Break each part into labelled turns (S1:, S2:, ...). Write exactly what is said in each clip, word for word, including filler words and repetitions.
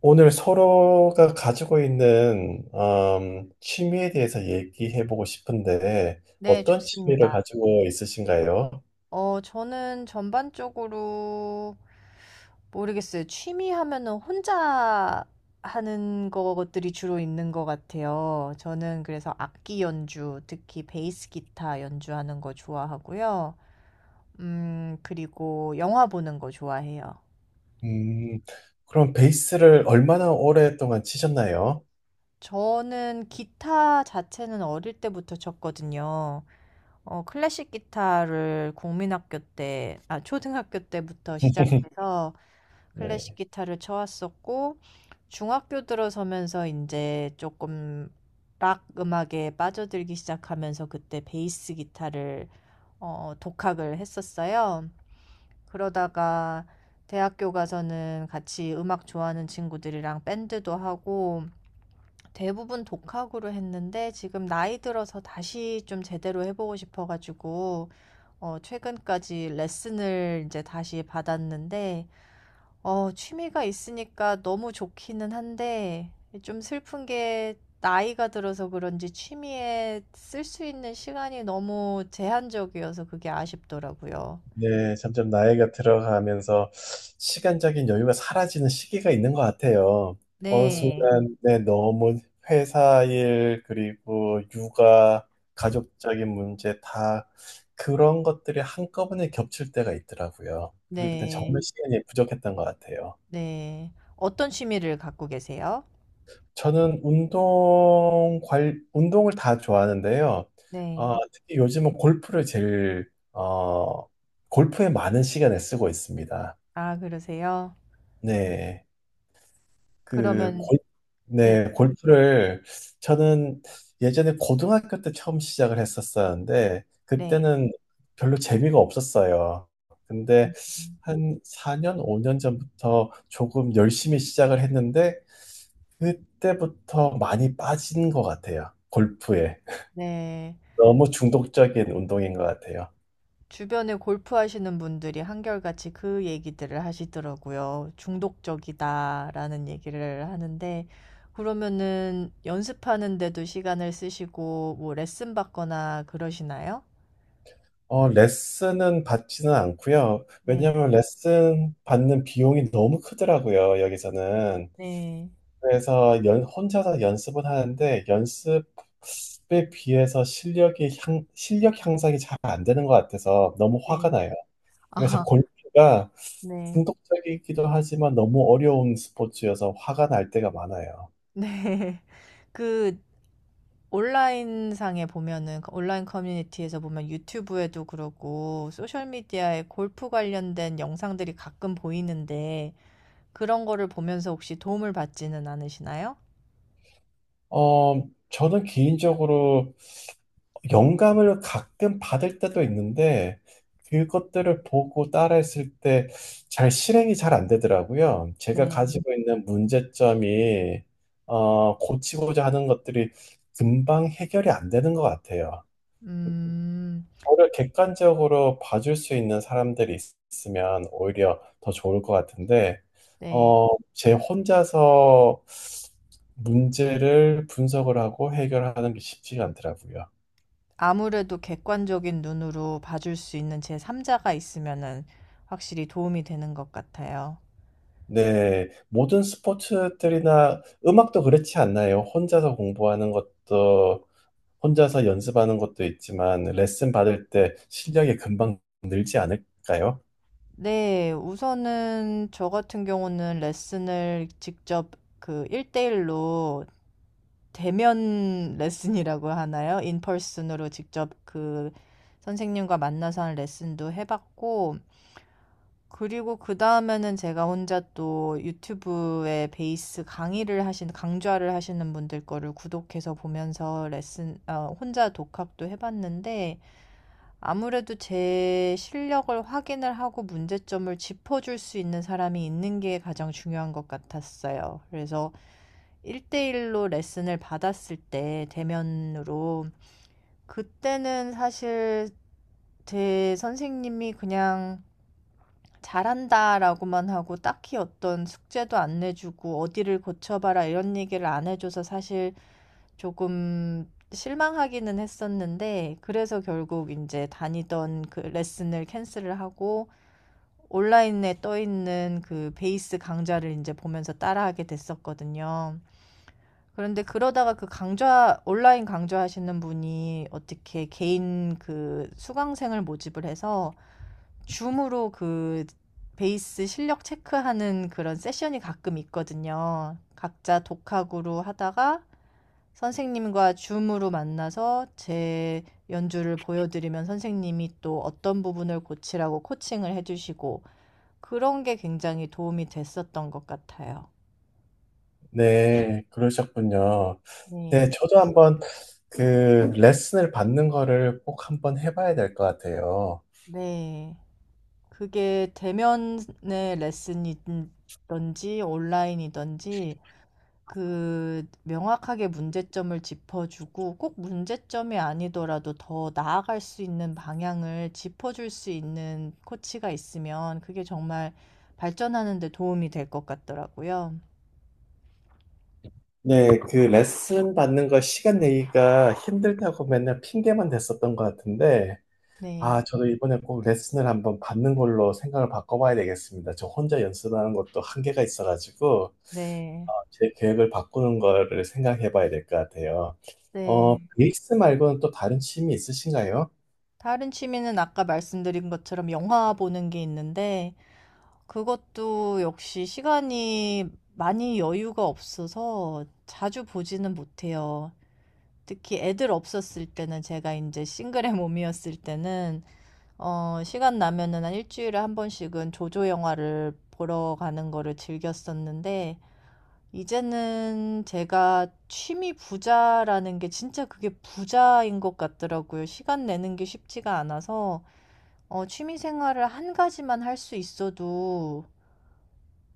S1: 오늘 서로가 가지고 있는 음, 취미에 대해서 얘기해보고 싶은데
S2: 네,
S1: 어떤 취미를
S2: 좋습니다.
S1: 가지고 있으신가요?
S2: 어, 저는 전반적으로 모르겠어요. 취미 하면은 혼자 하는 것들이 주로 있는 것 같아요. 저는 그래서 악기 연주, 특히 베이스 기타 연주하는 거 좋아하고요. 음, 그리고 영화 보는 거 좋아해요.
S1: 음. 그럼 베이스를 얼마나 오랫동안 치셨나요?
S2: 저는 기타 자체는 어릴 때부터 쳤거든요. 어, 클래식 기타를 국민학교 때, 아, 초등학교 때부터 시작해서 클래식
S1: 네.
S2: 기타를 쳐왔었고, 중학교 들어서면서 이제 조금 락 음악에 빠져들기 시작하면서 그때 베이스 기타를 어, 독학을 했었어요. 그러다가 대학교 가서는 같이 음악 좋아하는 친구들이랑 밴드도 하고, 대부분 독학으로 했는데 지금 나이 들어서 다시 좀 제대로 해보고 싶어가지고 어, 최근까지 레슨을 이제 다시 받았는데 어, 취미가 있으니까 너무 좋기는 한데 좀 슬픈 게 나이가 들어서 그런지 취미에 쓸 수 있는 시간이 너무 제한적이어서 그게 아쉽더라고요. 어,
S1: 네, 점점 나이가 들어가면서 시간적인 여유가 사라지는 시기가 있는 것 같아요. 어느
S2: 네,
S1: 순간, 네, 너무 회사 일, 그리고 육아, 가족적인 문제 다 그런 것들이 한꺼번에 겹칠 때가 있더라고요. 그럴 땐
S2: 네,
S1: 정말 시간이 부족했던 것 같아요.
S2: 네. 어떤 취미를 갖고 계세요?
S1: 저는 운동 관, 운동을 다 좋아하는데요.
S2: 네.
S1: 어, 특히 요즘은 골프를 제일, 어, 골프에 많은 시간을 쓰고 있습니다.
S2: 아, 그러세요?
S1: 네. 그
S2: 그러면
S1: 골,
S2: 네.
S1: 네, 골프를 저는 예전에 고등학교 때 처음 시작을 했었었는데
S2: 네.
S1: 그때는 별로 재미가 없었어요. 근데
S2: 음.
S1: 한 사 년, 오 년 전부터 조금 열심히 시작을 했는데 그때부터 많이 빠진 것 같아요. 골프에.
S2: 네.
S1: 너무 중독적인 운동인 것 같아요.
S2: 주변에 골프 하시는 분들이 한결같이 그 얘기들을 하시더라고요. 중독적이다라는 얘기를 하는데 그러면은 연습하는데도 시간을 쓰시고 뭐 레슨 받거나 그러시나요?
S1: 어, 레슨은 받지는 않고요.
S2: 네.
S1: 왜냐하면 레슨 받는 비용이 너무 크더라고요, 여기서는.
S2: 네.
S1: 그래서 연, 혼자서 연습은 하는데 연습에 비해서 실력이 향, 실력 향상이 잘 안 되는 것 같아서 너무 화가
S2: 네.
S1: 나요. 그래서
S2: 아.
S1: 골프가
S2: 네.
S1: 중독적이기도 하지만 너무 어려운 스포츠여서 화가 날 때가 많아요.
S2: 네. 그 온라인상에 보면은 그 온라인 커뮤니티에서 보면 유튜브에도 그러고 소셜 미디어에 골프 관련된 영상들이 가끔 보이는데 그런 거를 보면서 혹시 도움을 받지는 않으시나요?
S1: 어, 저는 개인적으로 영감을 가끔 받을 때도 있는데 그것들을 보고 따라했을 때 잘 실행이 잘 안 되더라고요. 제가
S2: 네.
S1: 가지고 있는 문제점이 어, 고치고자 하는 것들이 금방 해결이 안 되는 것 같아요.
S2: 음.
S1: 저를 객관적으로 봐줄 수 있는 사람들이 있- 있으면 오히려 더 좋을 것 같은데,
S2: 네.
S1: 어, 제 혼자서 문제를 분석을 하고 해결하는 게 쉽지가 않더라고요.
S2: 아무래도 객관적인 눈으로 봐줄 수 있는 제삼자가 있으면은 확실히 도움이 되는 것 같아요.
S1: 네, 모든 스포츠들이나 음악도 그렇지 않나요? 혼자서 공부하는 것도, 혼자서 연습하는 것도 있지만, 레슨 받을 때 실력이 금방 늘지 않을까요?
S2: 네. 우선은 저 같은 경우는 레슨을 직접 그대일로 대면 레슨이라고 하나요? 인펄슨으로 직접 그 선생님과 만나서 하는 레슨도 해 봤고 그리고 그 다음에는 제가 혼자 또 유튜브에 베이스 강의를 하신, 강좌를 하시는 분들 거를 구독해서 보면서 레슨, 어, 혼자 독학도 해봤는데, 아무래도 제 실력을 확인을 하고 문제점을 짚어줄 수 있는 사람이 있는 게 가장 중요한 것 같았어요. 그래서 일대일로 레슨을 받았을 때, 대면으로, 그때는 사실 제 선생님이 그냥 잘한다라고만 하고 딱히 어떤 숙제도 안 내주고 어디를 고쳐봐라 이런 얘기를 안 해줘서 사실 조금 실망하기는 했었는데 그래서 결국 이제 다니던 그 레슨을 캔슬을 하고 온라인에 떠 있는 그 베이스 강좌를 이제 보면서 따라하게 됐었거든요. 그런데 그러다가 그 강좌, 온라인 강좌 하시는 분이 어떻게 개인 그 수강생을 모집을 해서 줌으로 그 베이스 실력 체크하는 그런 세션이 가끔 있거든요. 각자 독학으로 하다가 선생님과 줌으로 만나서 제 연주를 보여드리면 선생님이 또 어떤 부분을 고치라고 코칭을 해주시고 그런 게 굉장히 도움이 됐었던 것 같아요.
S1: 네, 그러셨군요. 네, 네.
S2: 네.
S1: 저도 한번 그 레슨을 받는 거를 꼭 한번 해봐야 될 것 같아요.
S2: 네. 그게 대면의 레슨이든지 온라인이든지 그 명확하게 문제점을 짚어주고 꼭 문제점이 아니더라도 더 나아갈 수 있는 방향을 짚어줄 수 있는 코치가 있으면 그게 정말 발전하는 데 도움이 될 것 같더라고요.
S1: 네, 그 레슨 받는 거 시간 내기가 힘들다고 맨날 핑계만 댔었던 것 같은데, 아,
S2: 네.
S1: 저도 이번에 꼭 레슨을 한번 받는 걸로 생각을 바꿔봐야 되겠습니다. 저 혼자 연습하는 것도 한계가 있어가지고,
S2: 네.
S1: 제 계획을 바꾸는 거를 생각해봐야 될 것 같아요. 어,
S2: 네.
S1: 베이스 말고는 또 다른 취미 있으신가요?
S2: 다른 취미는 아까 말씀드린 것처럼 영화 보는 게 있는데 그것도 역시 시간이 많이 여유가 없어서 자주 보지는 못해요. 특히 애들 없었을 때는 제가 이제 싱글의 몸이었을 때는 어 시간 나면은 한 일주일에 한 번씩은 조조 영화를 보러 가는 거를 즐겼었는데 이제는 제가 취미 부자라는 게 진짜 그게 부자인 것 같더라고요. 시간 내는 게 쉽지가 않아서 어 취미 생활을 한 가지만 할 수 있어도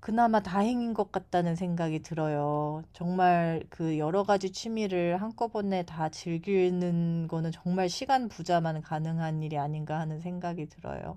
S2: 그나마 다행인 것 같다는 생각이 들어요. 정말 그 여러 가지 취미를 한꺼번에 다 즐기는 거는 정말 시간 부자만 가능한 일이 아닌가 하는 생각이 들어요.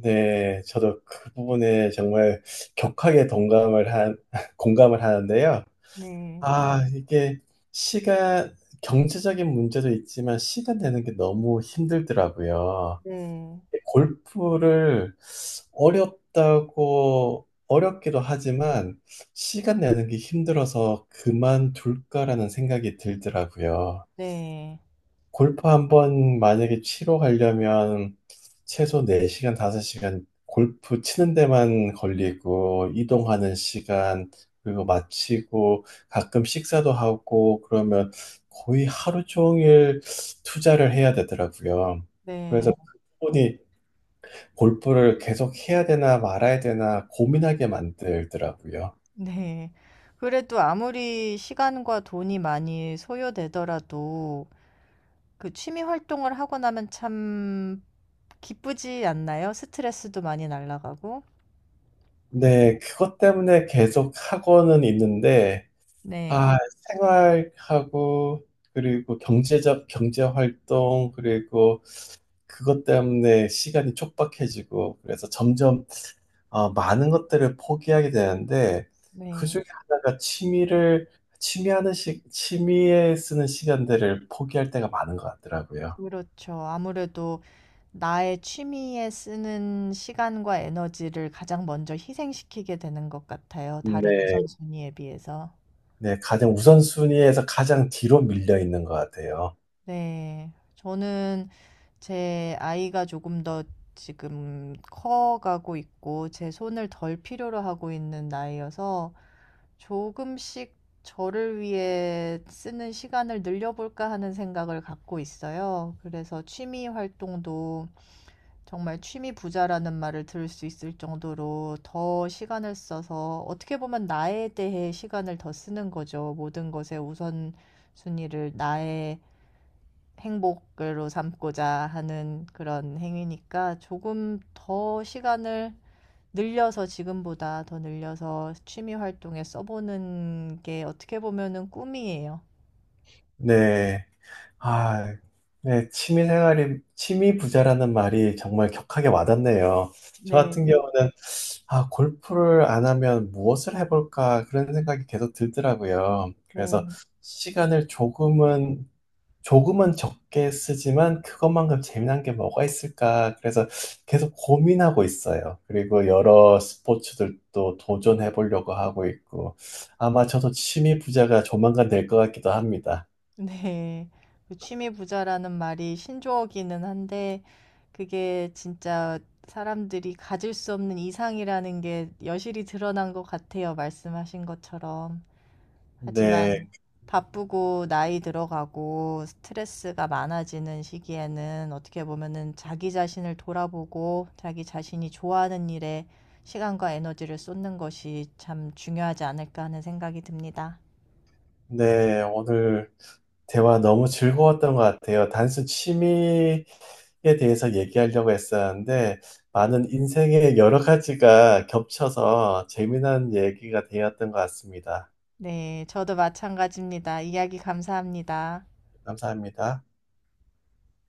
S1: 네, 저도 그 부분에 정말 격하게 동감을 한, 공감을 하는데요.
S2: 네.
S1: 아, 이게 시간, 경제적인 문제도 있지만 시간 되는 게 너무 힘들더라고요.
S2: 네.
S1: 골프를 어렵다고, 어렵기도 하지만 시간 내는 게 힘들어서 그만둘까라는 생각이 들더라고요.
S2: 네.
S1: 골프 한번 만약에 치러 가려면 최소 네 시간, 다섯 시간 골프 치는 데만 걸리고 이동하는 시간 그리고 마치고 가끔 식사도 하고 그러면 거의 하루 종일 투자를 해야 되더라고요. 그래서
S2: 네.
S1: 그분이 골프를 계속 해야 되나 말아야 되나 고민하게 만들더라고요.
S2: 네. 그래도 아무리 시간과 돈이 많이 소요되더라도 그 취미 활동을 하고 나면 참 기쁘지 않나요? 스트레스도 많이 날아가고.
S1: 네, 그것 때문에 계속 하고는 있는데
S2: 네.
S1: 아, 생활하고, 그리고 경제적, 경제활동, 그리고 그것 때문에 시간이 촉박해지고, 그래서 점점 어, 많은 것들을 포기하게 되는데, 그
S2: 네.
S1: 중에 하나가 취미를, 취미하는 시, 취미에 쓰는 시간들을 포기할 때가 많은 것 같더라고요.
S2: 그렇죠. 아무래도 나의 취미에 쓰는 시간과 에너지를 가장 먼저 희생시키게 되는 것 같아요. 다른
S1: 네,
S2: 우선순위에 비해서.
S1: 네, 가장 우선순위에서 가장 뒤로 밀려 있는 것 같아요.
S2: 네. 저는 제 아이가 조금 더 지금 커가고 있고 제 손을 덜 필요로 하고 있는 나이여서 조금씩 저를 위해 쓰는 시간을 늘려볼까 하는 생각을 갖고 있어요. 그래서 취미 활동도 정말 취미 부자라는 말을 들을 수 있을 정도로 더 시간을 써서 어떻게 보면 나에 대해 시간을 더 쓰는 거죠. 모든 것의 우선순위를 나의 행복으로 삼고자 하는 그런 행위니까 조금 더 시간을 늘려서 지금보다 더 늘려서 취미 활동에 써보는 게 어떻게 보면은 꿈이에요.
S1: 네. 아, 네, 취미 생활이, 취미 부자라는 말이 정말 격하게 와닿네요. 저 같은
S2: 네.
S1: 경우는, 아, 골프를 안 하면 무엇을 해볼까, 그런 생각이 계속 들더라고요. 그래서
S2: 네.
S1: 시간을 조금은, 조금은 적게 쓰지만 그것만큼 재미난 게 뭐가 있을까, 그래서 계속 고민하고 있어요. 그리고 여러 스포츠들도 도전해 보려고 하고 있고, 아마 저도 취미 부자가 조만간 될 것 같기도 합니다.
S2: 네. 그 취미 부자라는 말이 신조어기는 한데 그게 진짜 사람들이 가질 수 없는 이상이라는 게 여실히 드러난 것 같아요. 말씀하신 것처럼. 하지만
S1: 네,
S2: 음, 바쁘고 나이 들어가고 스트레스가 많아지는 시기에는 어떻게 보면은 자기 자신을 돌아보고 자기 자신이 좋아하는 일에 시간과 에너지를 쏟는 것이 참 중요하지 않을까 하는 생각이 듭니다.
S1: 네, 오늘 대화 너무 즐거웠던 것 같아요. 단순 취미에 대해서 얘기하려고 했었는데, 많은 인생의 여러 가지가 겹쳐서 재미난 얘기가 되었던 것 같습니다.
S2: 네, 저도 마찬가지입니다. 이야기 감사합니다.
S1: 감사합니다.